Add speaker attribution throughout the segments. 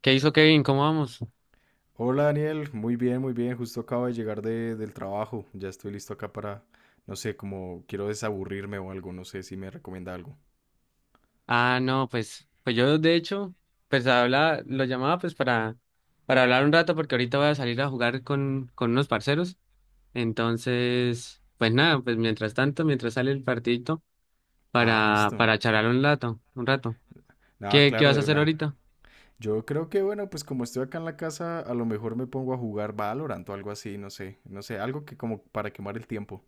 Speaker 1: ¿Qué hizo Kevin? ¿Cómo vamos?
Speaker 2: Hola Daniel, muy bien, muy bien. Justo acabo de llegar del trabajo. Ya estoy listo acá para, no sé, como quiero desaburrirme o algo. No sé si me recomienda algo.
Speaker 1: Ah, no, pues yo de hecho, pues habla, lo llamaba pues para hablar un rato porque ahorita voy a salir a jugar con unos parceros. Entonces, pues nada, pues mientras tanto, mientras sale el partidito,
Speaker 2: Ah,
Speaker 1: para,
Speaker 2: listo.
Speaker 1: para charlar un rato, un rato.
Speaker 2: Nada,
Speaker 1: ¿Qué
Speaker 2: claro,
Speaker 1: vas a
Speaker 2: de
Speaker 1: hacer
Speaker 2: una.
Speaker 1: ahorita?
Speaker 2: Yo creo que, bueno, pues como estoy acá en la casa, a lo mejor me pongo a jugar Valorant o algo así, no sé. No sé, algo que como para quemar el tiempo.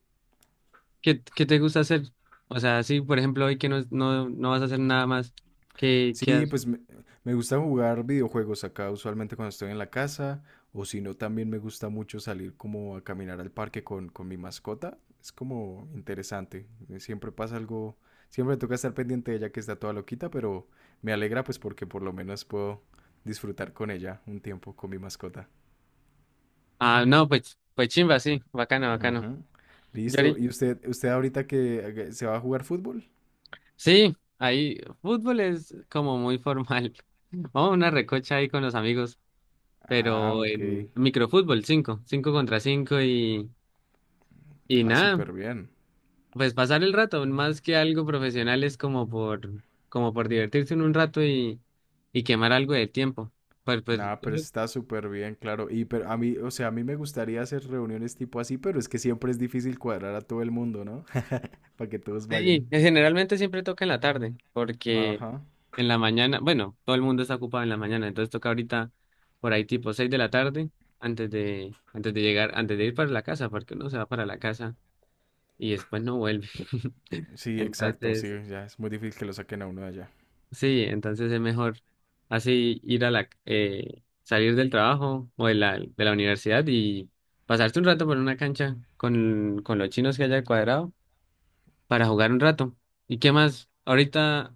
Speaker 1: ¿Qué te gusta hacer? O sea, sí, por ejemplo, hoy que no, no, no vas a hacer nada más, ¿qué
Speaker 2: Sí,
Speaker 1: haces?
Speaker 2: pues me gusta jugar videojuegos acá usualmente cuando estoy en la casa o si no también me gusta mucho salir como a caminar al parque con mi mascota. Es como interesante. Siempre pasa algo, siempre me toca estar pendiente de ella que está toda loquita, pero me alegra pues porque por lo menos puedo disfrutar con ella un tiempo con mi mascota.
Speaker 1: Ah, no, pues chimba, sí, bacano, bacano.
Speaker 2: Ujú. Listo. ¿Y usted ahorita que se va a jugar fútbol?
Speaker 1: Sí, ahí fútbol es como muy formal. Vamos a una recocha ahí con los amigos,
Speaker 2: Ah,
Speaker 1: pero
Speaker 2: ok.
Speaker 1: en microfútbol, cinco contra cinco y
Speaker 2: Ah,
Speaker 1: nada,
Speaker 2: súper bien.
Speaker 1: pues pasar el rato, más que algo profesional es como por, como por divertirse en un rato y quemar algo de tiempo. Pues, pues,
Speaker 2: Nada, pero
Speaker 1: yo-
Speaker 2: está súper bien, claro. Y pero a mí, o sea, a mí me gustaría hacer reuniones tipo así, pero es que siempre es difícil cuadrar a todo el mundo, ¿no? Para que todos
Speaker 1: sí,
Speaker 2: vayan.
Speaker 1: generalmente siempre toca en la tarde, porque
Speaker 2: Ajá.
Speaker 1: en la mañana, bueno, todo el mundo está ocupado en la mañana, entonces toca ahorita por ahí tipo 6 de la tarde, antes de llegar, antes de ir para la casa, porque uno se va para la casa y después no vuelve.
Speaker 2: Sí, exacto, sí,
Speaker 1: Entonces,
Speaker 2: ya es muy difícil que lo saquen a uno de allá.
Speaker 1: sí, entonces es mejor así ir a la, salir del trabajo o de la, universidad y pasarte un rato por una cancha con los chinos que haya al cuadrado para jugar un rato. ¿Y qué más? Ahorita,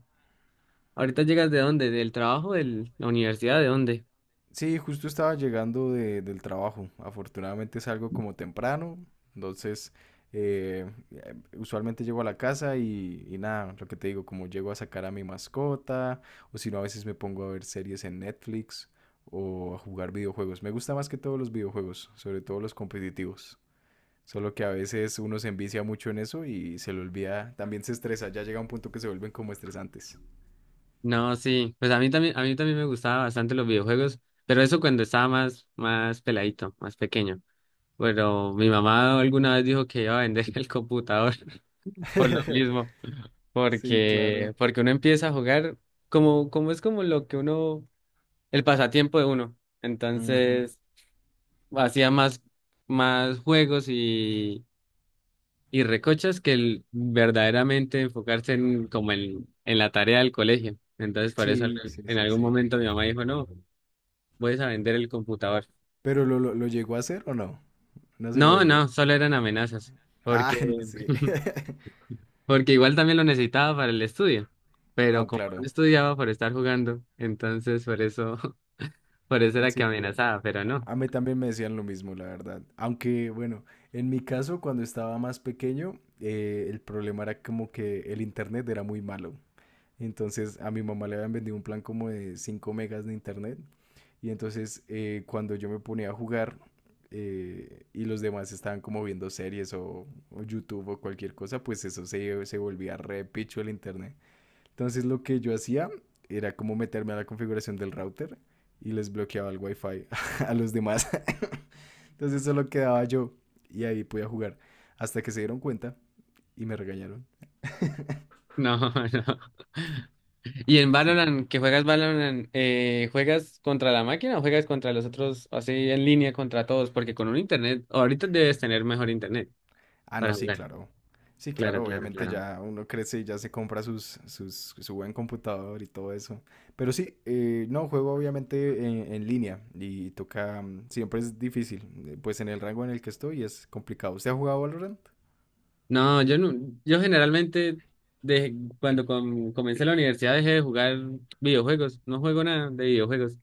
Speaker 1: ¿ahorita llegas de dónde? ¿Del trabajo, de la universidad, de dónde?
Speaker 2: Sí, justo estaba llegando del trabajo. Afortunadamente salgo como temprano, entonces usualmente llego a la casa y nada, lo que te digo, como llego a sacar a mi mascota, o si no, a veces me pongo a ver series en Netflix o a jugar videojuegos. Me gusta más que todos los videojuegos, sobre todo los competitivos. Solo que a veces uno se envicia mucho en eso y se le olvida, también se estresa, ya llega un punto que se vuelven como estresantes.
Speaker 1: No, sí, pues a mí también me gustaban bastante los videojuegos, pero eso cuando estaba más, peladito, más pequeño. Pero mi mamá alguna vez dijo que iba a vender el computador por lo mismo,
Speaker 2: Sí,
Speaker 1: porque,
Speaker 2: claro.
Speaker 1: porque uno empieza a jugar como, como es como lo que uno, el pasatiempo de uno.
Speaker 2: Ujú.
Speaker 1: Entonces, hacía más, juegos y recochas que el, verdaderamente enfocarse en, como en la tarea del colegio. Entonces, por eso
Speaker 2: Sí, sí,
Speaker 1: en
Speaker 2: sí,
Speaker 1: algún
Speaker 2: sí.
Speaker 1: momento mi mamá dijo, no. Voy a vender el computador.
Speaker 2: ¿Pero lo llegó a hacer o no? No se lo
Speaker 1: No,
Speaker 2: vendió.
Speaker 1: no, solo eran amenazas,
Speaker 2: Ah, no,
Speaker 1: porque,
Speaker 2: sí.
Speaker 1: porque igual también lo necesitaba para el estudio, pero
Speaker 2: Ah,
Speaker 1: como no
Speaker 2: claro.
Speaker 1: estudiaba por estar jugando, entonces por eso, por eso era que
Speaker 2: Sí,
Speaker 1: amenazaba, pero no,
Speaker 2: a mí también me decían lo mismo, la verdad. Aunque, bueno, en mi caso, cuando estaba más pequeño, el problema era como que el internet era muy malo. Entonces, a mi mamá le habían vendido un plan como de 5 megas de internet. Y entonces, cuando yo me ponía a jugar y los demás estaban como viendo series o YouTube o cualquier cosa, pues eso se volvía re picho el internet. Entonces lo que yo hacía era como meterme a la configuración del router y les bloqueaba el wifi a los demás. Entonces solo quedaba yo y ahí podía jugar. Hasta que se dieron cuenta y me regañaron.
Speaker 1: no, no. ¿Y en
Speaker 2: Sí, sí,
Speaker 1: Valorant,
Speaker 2: sí.
Speaker 1: que juegas Valorant, juegas contra la máquina o juegas contra los otros, así en línea contra todos? Porque con un internet, ahorita debes tener mejor internet
Speaker 2: Ah, no,
Speaker 1: para
Speaker 2: sí,
Speaker 1: jugar.
Speaker 2: claro. Sí,
Speaker 1: Claro,
Speaker 2: claro,
Speaker 1: claro,
Speaker 2: obviamente
Speaker 1: claro.
Speaker 2: ya uno crece y ya se compra su buen computador y todo eso. Pero sí, no, juego obviamente en línea y toca, siempre es difícil. Pues en el rango en el que estoy es complicado. ¿Usted ha jugado Valorant?
Speaker 1: No, yo no, yo generalmente desde cuando comencé la universidad dejé de jugar videojuegos, no juego nada de videojuegos,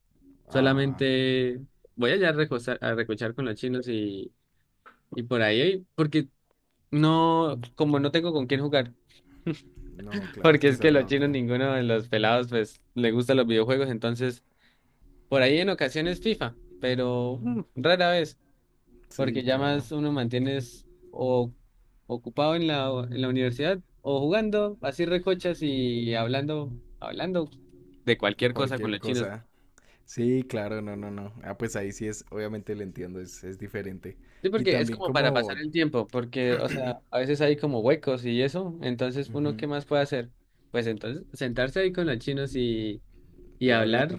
Speaker 2: Ah,
Speaker 1: solamente voy allá a recosar, a recochar con los chinos y, por ahí, porque no, como no tengo con quién jugar,
Speaker 2: no, claro, es
Speaker 1: porque
Speaker 2: que
Speaker 1: es
Speaker 2: esa
Speaker 1: que
Speaker 2: es
Speaker 1: los
Speaker 2: la
Speaker 1: chinos,
Speaker 2: otra.
Speaker 1: ninguno de los pelados, pues, le gustan los videojuegos, entonces, por ahí en ocasiones FIFA, pero rara vez. Porque
Speaker 2: Sí,
Speaker 1: ya
Speaker 2: claro.
Speaker 1: más uno mantienes o ocupado en la universidad o jugando así recochas y hablando, hablando de cualquier cosa con
Speaker 2: Cualquier
Speaker 1: los chinos.
Speaker 2: cosa. Sí, claro, no, no, no. Ah, pues ahí sí es, obviamente lo entiendo, es diferente.
Speaker 1: Sí,
Speaker 2: Y
Speaker 1: porque es
Speaker 2: también
Speaker 1: como para pasar
Speaker 2: como
Speaker 1: el tiempo, porque, o sea, a veces hay como huecos y eso, entonces uno, ¿qué
Speaker 2: ujú.
Speaker 1: más puede hacer? Pues entonces sentarse ahí con los chinos y
Speaker 2: Y hablar.
Speaker 1: hablar,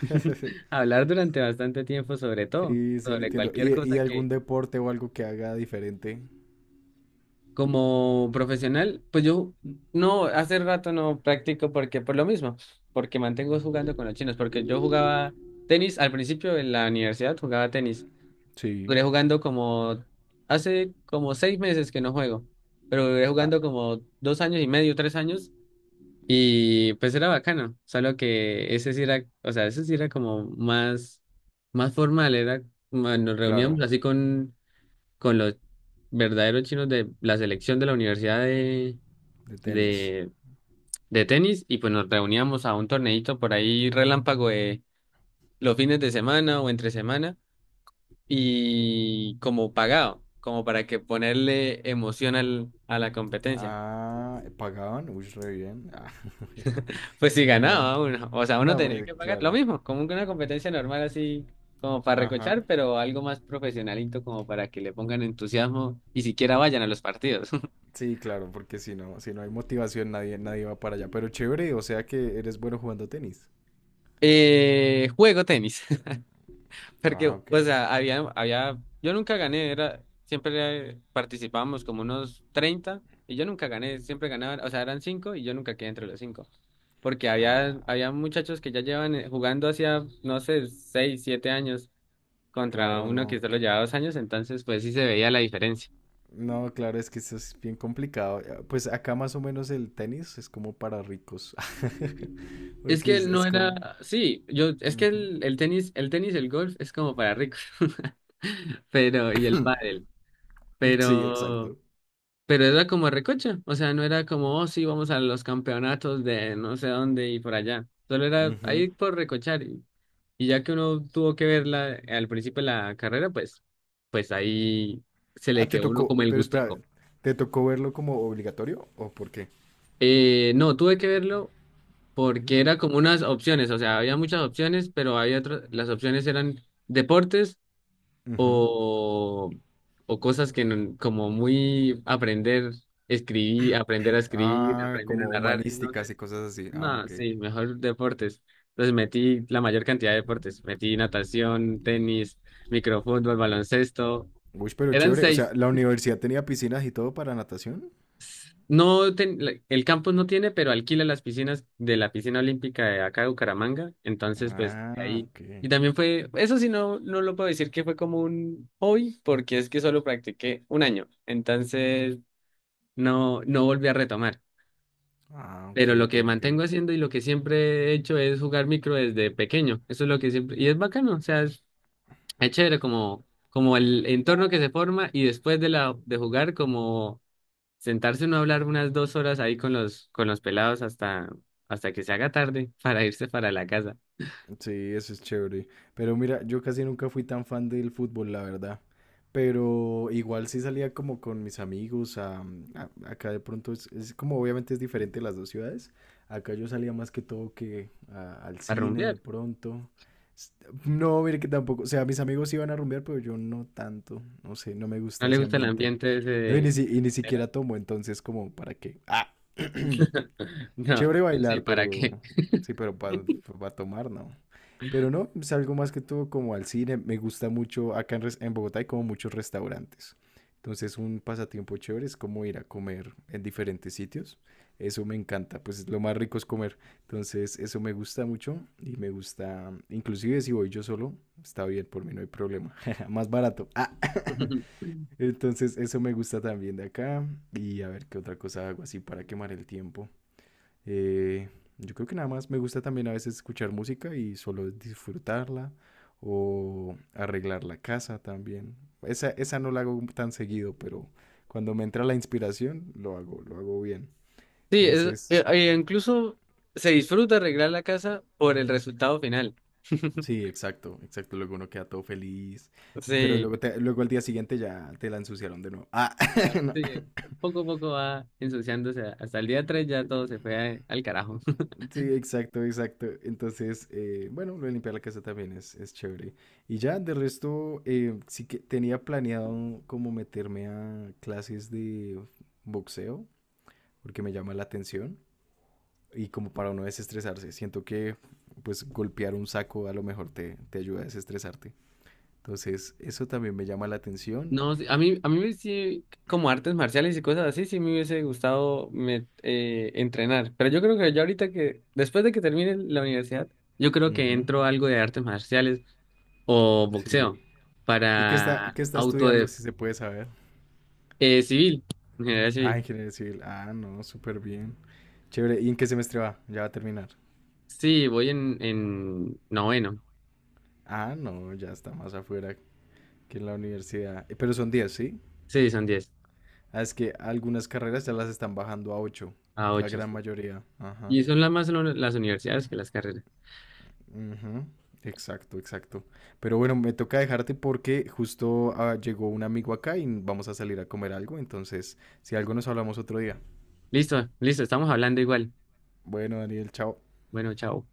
Speaker 1: hablar durante bastante tiempo sobre todo,
Speaker 2: Sí, sí, lo
Speaker 1: sobre
Speaker 2: entiendo.
Speaker 1: cualquier
Speaker 2: ¿Y
Speaker 1: cosa.
Speaker 2: algún deporte o algo que haga diferente?
Speaker 1: Como profesional, pues yo no, hace rato no practico porque por lo mismo, porque mantengo jugando con los chinos, porque yo jugaba tenis al principio en la universidad, jugaba tenis.
Speaker 2: Sí.
Speaker 1: Duré jugando como hace como seis meses que no juego, pero duré
Speaker 2: Ah,
Speaker 1: jugando como 2 años y medio, 3 años, y pues era bacano, solo que ese sí era, o sea, ese sí era como más formal, era, nos reuníamos
Speaker 2: claro,
Speaker 1: así con los verdaderos chinos de la selección de la universidad de,
Speaker 2: de tenis.
Speaker 1: de, de tenis y pues nos reuníamos a un torneito por ahí relámpago de los fines de semana o entre semana y como pagado, como para que ponerle emoción a la competencia.
Speaker 2: Ah, ¿pagaban? Uy, re bien. Ah,
Speaker 1: Pues si
Speaker 2: no.
Speaker 1: ganaba uno, o sea,
Speaker 2: Ah,
Speaker 1: uno
Speaker 2: no,
Speaker 1: tenía
Speaker 2: pues
Speaker 1: que pagar lo
Speaker 2: claro.
Speaker 1: mismo, como que una competencia normal así. Como para
Speaker 2: Ajá.
Speaker 1: recochar, pero algo más profesionalito como para que le pongan entusiasmo y siquiera vayan a los partidos.
Speaker 2: Sí, claro, porque si no hay motivación, nadie, nadie va para allá. Pero chévere, o sea que eres bueno jugando tenis.
Speaker 1: Juego tenis. Porque,
Speaker 2: Ah, ok.
Speaker 1: o sea, había, yo nunca gané, era, siempre participábamos como unos 30 y yo nunca gané, siempre ganaban, o sea, eran 5 y yo nunca quedé entre los cinco. Porque había,
Speaker 2: Ah,
Speaker 1: había muchachos que ya llevan jugando hacía, no sé, 6 7 años contra
Speaker 2: claro,
Speaker 1: uno
Speaker 2: no.
Speaker 1: que solo llevaba 2 años, entonces pues sí se veía la diferencia.
Speaker 2: No, claro, es que esto es bien complicado. Pues acá más o menos el tenis es como para ricos.
Speaker 1: Es
Speaker 2: Porque
Speaker 1: que
Speaker 2: es,
Speaker 1: no
Speaker 2: es como.
Speaker 1: era, sí, yo, es que
Speaker 2: Ujú.
Speaker 1: el tenis, el tenis el golf es como para ricos, pero, y el pádel,
Speaker 2: Sí,
Speaker 1: pero
Speaker 2: exacto.
Speaker 1: Pero era como recocha, o sea, no era como, oh, sí, vamos a los campeonatos de no sé dónde y por allá. Solo era
Speaker 2: Ujú.
Speaker 1: ahí por recochar. Y ya que uno tuvo que verla al principio de la carrera, pues ahí se le
Speaker 2: Ah, te
Speaker 1: quedó uno
Speaker 2: tocó,
Speaker 1: como el
Speaker 2: pero espera,
Speaker 1: gustico.
Speaker 2: ¿te tocó verlo como obligatorio o por qué?
Speaker 1: No, tuve que verlo porque era como unas opciones, o sea, había muchas opciones, pero había otras, las opciones eran deportes
Speaker 2: Ujú.
Speaker 1: o, o cosas que como muy aprender, escribir,
Speaker 2: Ah,
Speaker 1: aprender a
Speaker 2: como
Speaker 1: narrar, y no
Speaker 2: humanísticas
Speaker 1: sé.
Speaker 2: y cosas así. Ah,
Speaker 1: No,
Speaker 2: ok.
Speaker 1: sí, mejor deportes. Entonces metí la mayor cantidad de deportes. Metí natación, tenis, microfútbol, baloncesto.
Speaker 2: Uy, pero
Speaker 1: Eran
Speaker 2: chévere. O
Speaker 1: seis.
Speaker 2: sea, ¿la universidad tenía piscinas y todo para natación?
Speaker 1: No el campus no tiene, pero alquila las piscinas de la piscina olímpica de acá de Bucaramanga. Entonces, pues de
Speaker 2: Ah,
Speaker 1: ahí.
Speaker 2: ok.
Speaker 1: Y también fue, eso sí no, no lo puedo decir que fue como un hobby, porque es que solo practiqué un año. Entonces, no, no volví a retomar.
Speaker 2: Ah, ok,
Speaker 1: Pero lo
Speaker 2: ok,
Speaker 1: que
Speaker 2: ok.
Speaker 1: mantengo haciendo y lo que siempre he hecho es jugar micro desde pequeño. Eso es lo que siempre... Y es bacano, o sea, es chévere como, como el entorno que se forma y después de jugar, como sentarse uno a hablar unas 2 horas ahí con los, pelados hasta que se haga tarde para irse para la casa,
Speaker 2: Sí, eso es chévere. Pero mira, yo casi nunca fui tan fan del fútbol, la verdad. Pero igual sí salía como con mis amigos. Acá de pronto es como obviamente es diferente las dos ciudades. Acá yo salía más que todo que al
Speaker 1: a
Speaker 2: cine de
Speaker 1: rumbear.
Speaker 2: pronto. S- No, mire que tampoco. O sea, mis amigos iban a rumbear, pero yo no tanto. No sé, no me
Speaker 1: ¿No
Speaker 2: gusta
Speaker 1: le
Speaker 2: ese
Speaker 1: gusta el
Speaker 2: ambiente.
Speaker 1: ambiente ese
Speaker 2: No, y ni,
Speaker 1: de...
Speaker 2: y ni siquiera tomo, entonces como, ¿para qué? Ah.
Speaker 1: No,
Speaker 2: Chévere
Speaker 1: sí,
Speaker 2: bailar,
Speaker 1: ¿para
Speaker 2: pero
Speaker 1: qué?
Speaker 2: sí, pero para tomar, no. Pero no, es algo más que todo como al cine. Me gusta mucho, acá en Bogotá hay como muchos restaurantes. Entonces un pasatiempo chévere es como ir a comer en diferentes sitios. Eso me encanta, pues lo más rico es comer. Entonces eso me gusta mucho y me gusta, inclusive si voy yo solo, está bien, por mí no hay problema. Más barato. Ah, entonces eso me gusta también de acá. Y a ver qué otra cosa hago así para quemar el tiempo. Eh, yo creo que nada más me gusta también a veces escuchar música y solo disfrutarla o arreglar la casa también. Esa no la hago tan seguido, pero cuando me entra la inspiración, lo hago bien.
Speaker 1: Sí, es,
Speaker 2: Entonces,
Speaker 1: incluso se disfruta arreglar la casa por el resultado final.
Speaker 2: sí, exacto, exacto. Luego uno queda todo feliz, pero
Speaker 1: Sí,
Speaker 2: luego, luego al día siguiente ya te la ensuciaron de nuevo. Ah,
Speaker 1: sí, poco a poco va ensuciándose. Hasta el día 3 ya todo se fue al carajo.
Speaker 2: sí, exacto, exacto. Entonces, bueno, lo de limpiar la casa también es, chévere. Y ya, de resto, sí que tenía planeado como meterme a clases de boxeo, porque me llama la atención. Y como para no desestresarse, siento que pues golpear un saco a lo mejor te ayuda a desestresarte. Entonces, eso también me llama la atención.
Speaker 1: No, sí, a mí sí, como artes marciales y cosas así, sí me hubiese gustado entrenar. Pero yo creo que ya ahorita que, después de que termine la universidad, yo creo que
Speaker 2: Ujú.
Speaker 1: entro a algo de artes marciales o
Speaker 2: Sí.
Speaker 1: boxeo
Speaker 2: ¿Y qué está,
Speaker 1: para
Speaker 2: qué está
Speaker 1: auto
Speaker 2: estudiando,
Speaker 1: de,
Speaker 2: si se puede saber?
Speaker 1: civil, ingeniería
Speaker 2: Ah,
Speaker 1: civil.
Speaker 2: ingeniería civil. Ah, no, súper bien. Chévere. ¿Y en qué semestre va? Ya va a terminar.
Speaker 1: Sí, voy en, noveno.
Speaker 2: Ah, no, ya está más afuera que en la universidad. Pero son 10, ¿sí?
Speaker 1: Sí, son 10
Speaker 2: Ah, es que algunas carreras ya las están bajando a ocho.
Speaker 1: a
Speaker 2: La
Speaker 1: 8
Speaker 2: gran
Speaker 1: sí.
Speaker 2: mayoría. Ajá.
Speaker 1: Y son las más son las universidades que las carreras.
Speaker 2: Ujú. Exacto, exacto. Pero bueno, me toca dejarte porque justo llegó un amigo acá y vamos a salir a comer algo. Entonces, si algo nos hablamos otro día.
Speaker 1: Listo, listo, estamos hablando igual.
Speaker 2: Bueno, Daniel, chao.
Speaker 1: Bueno, chao.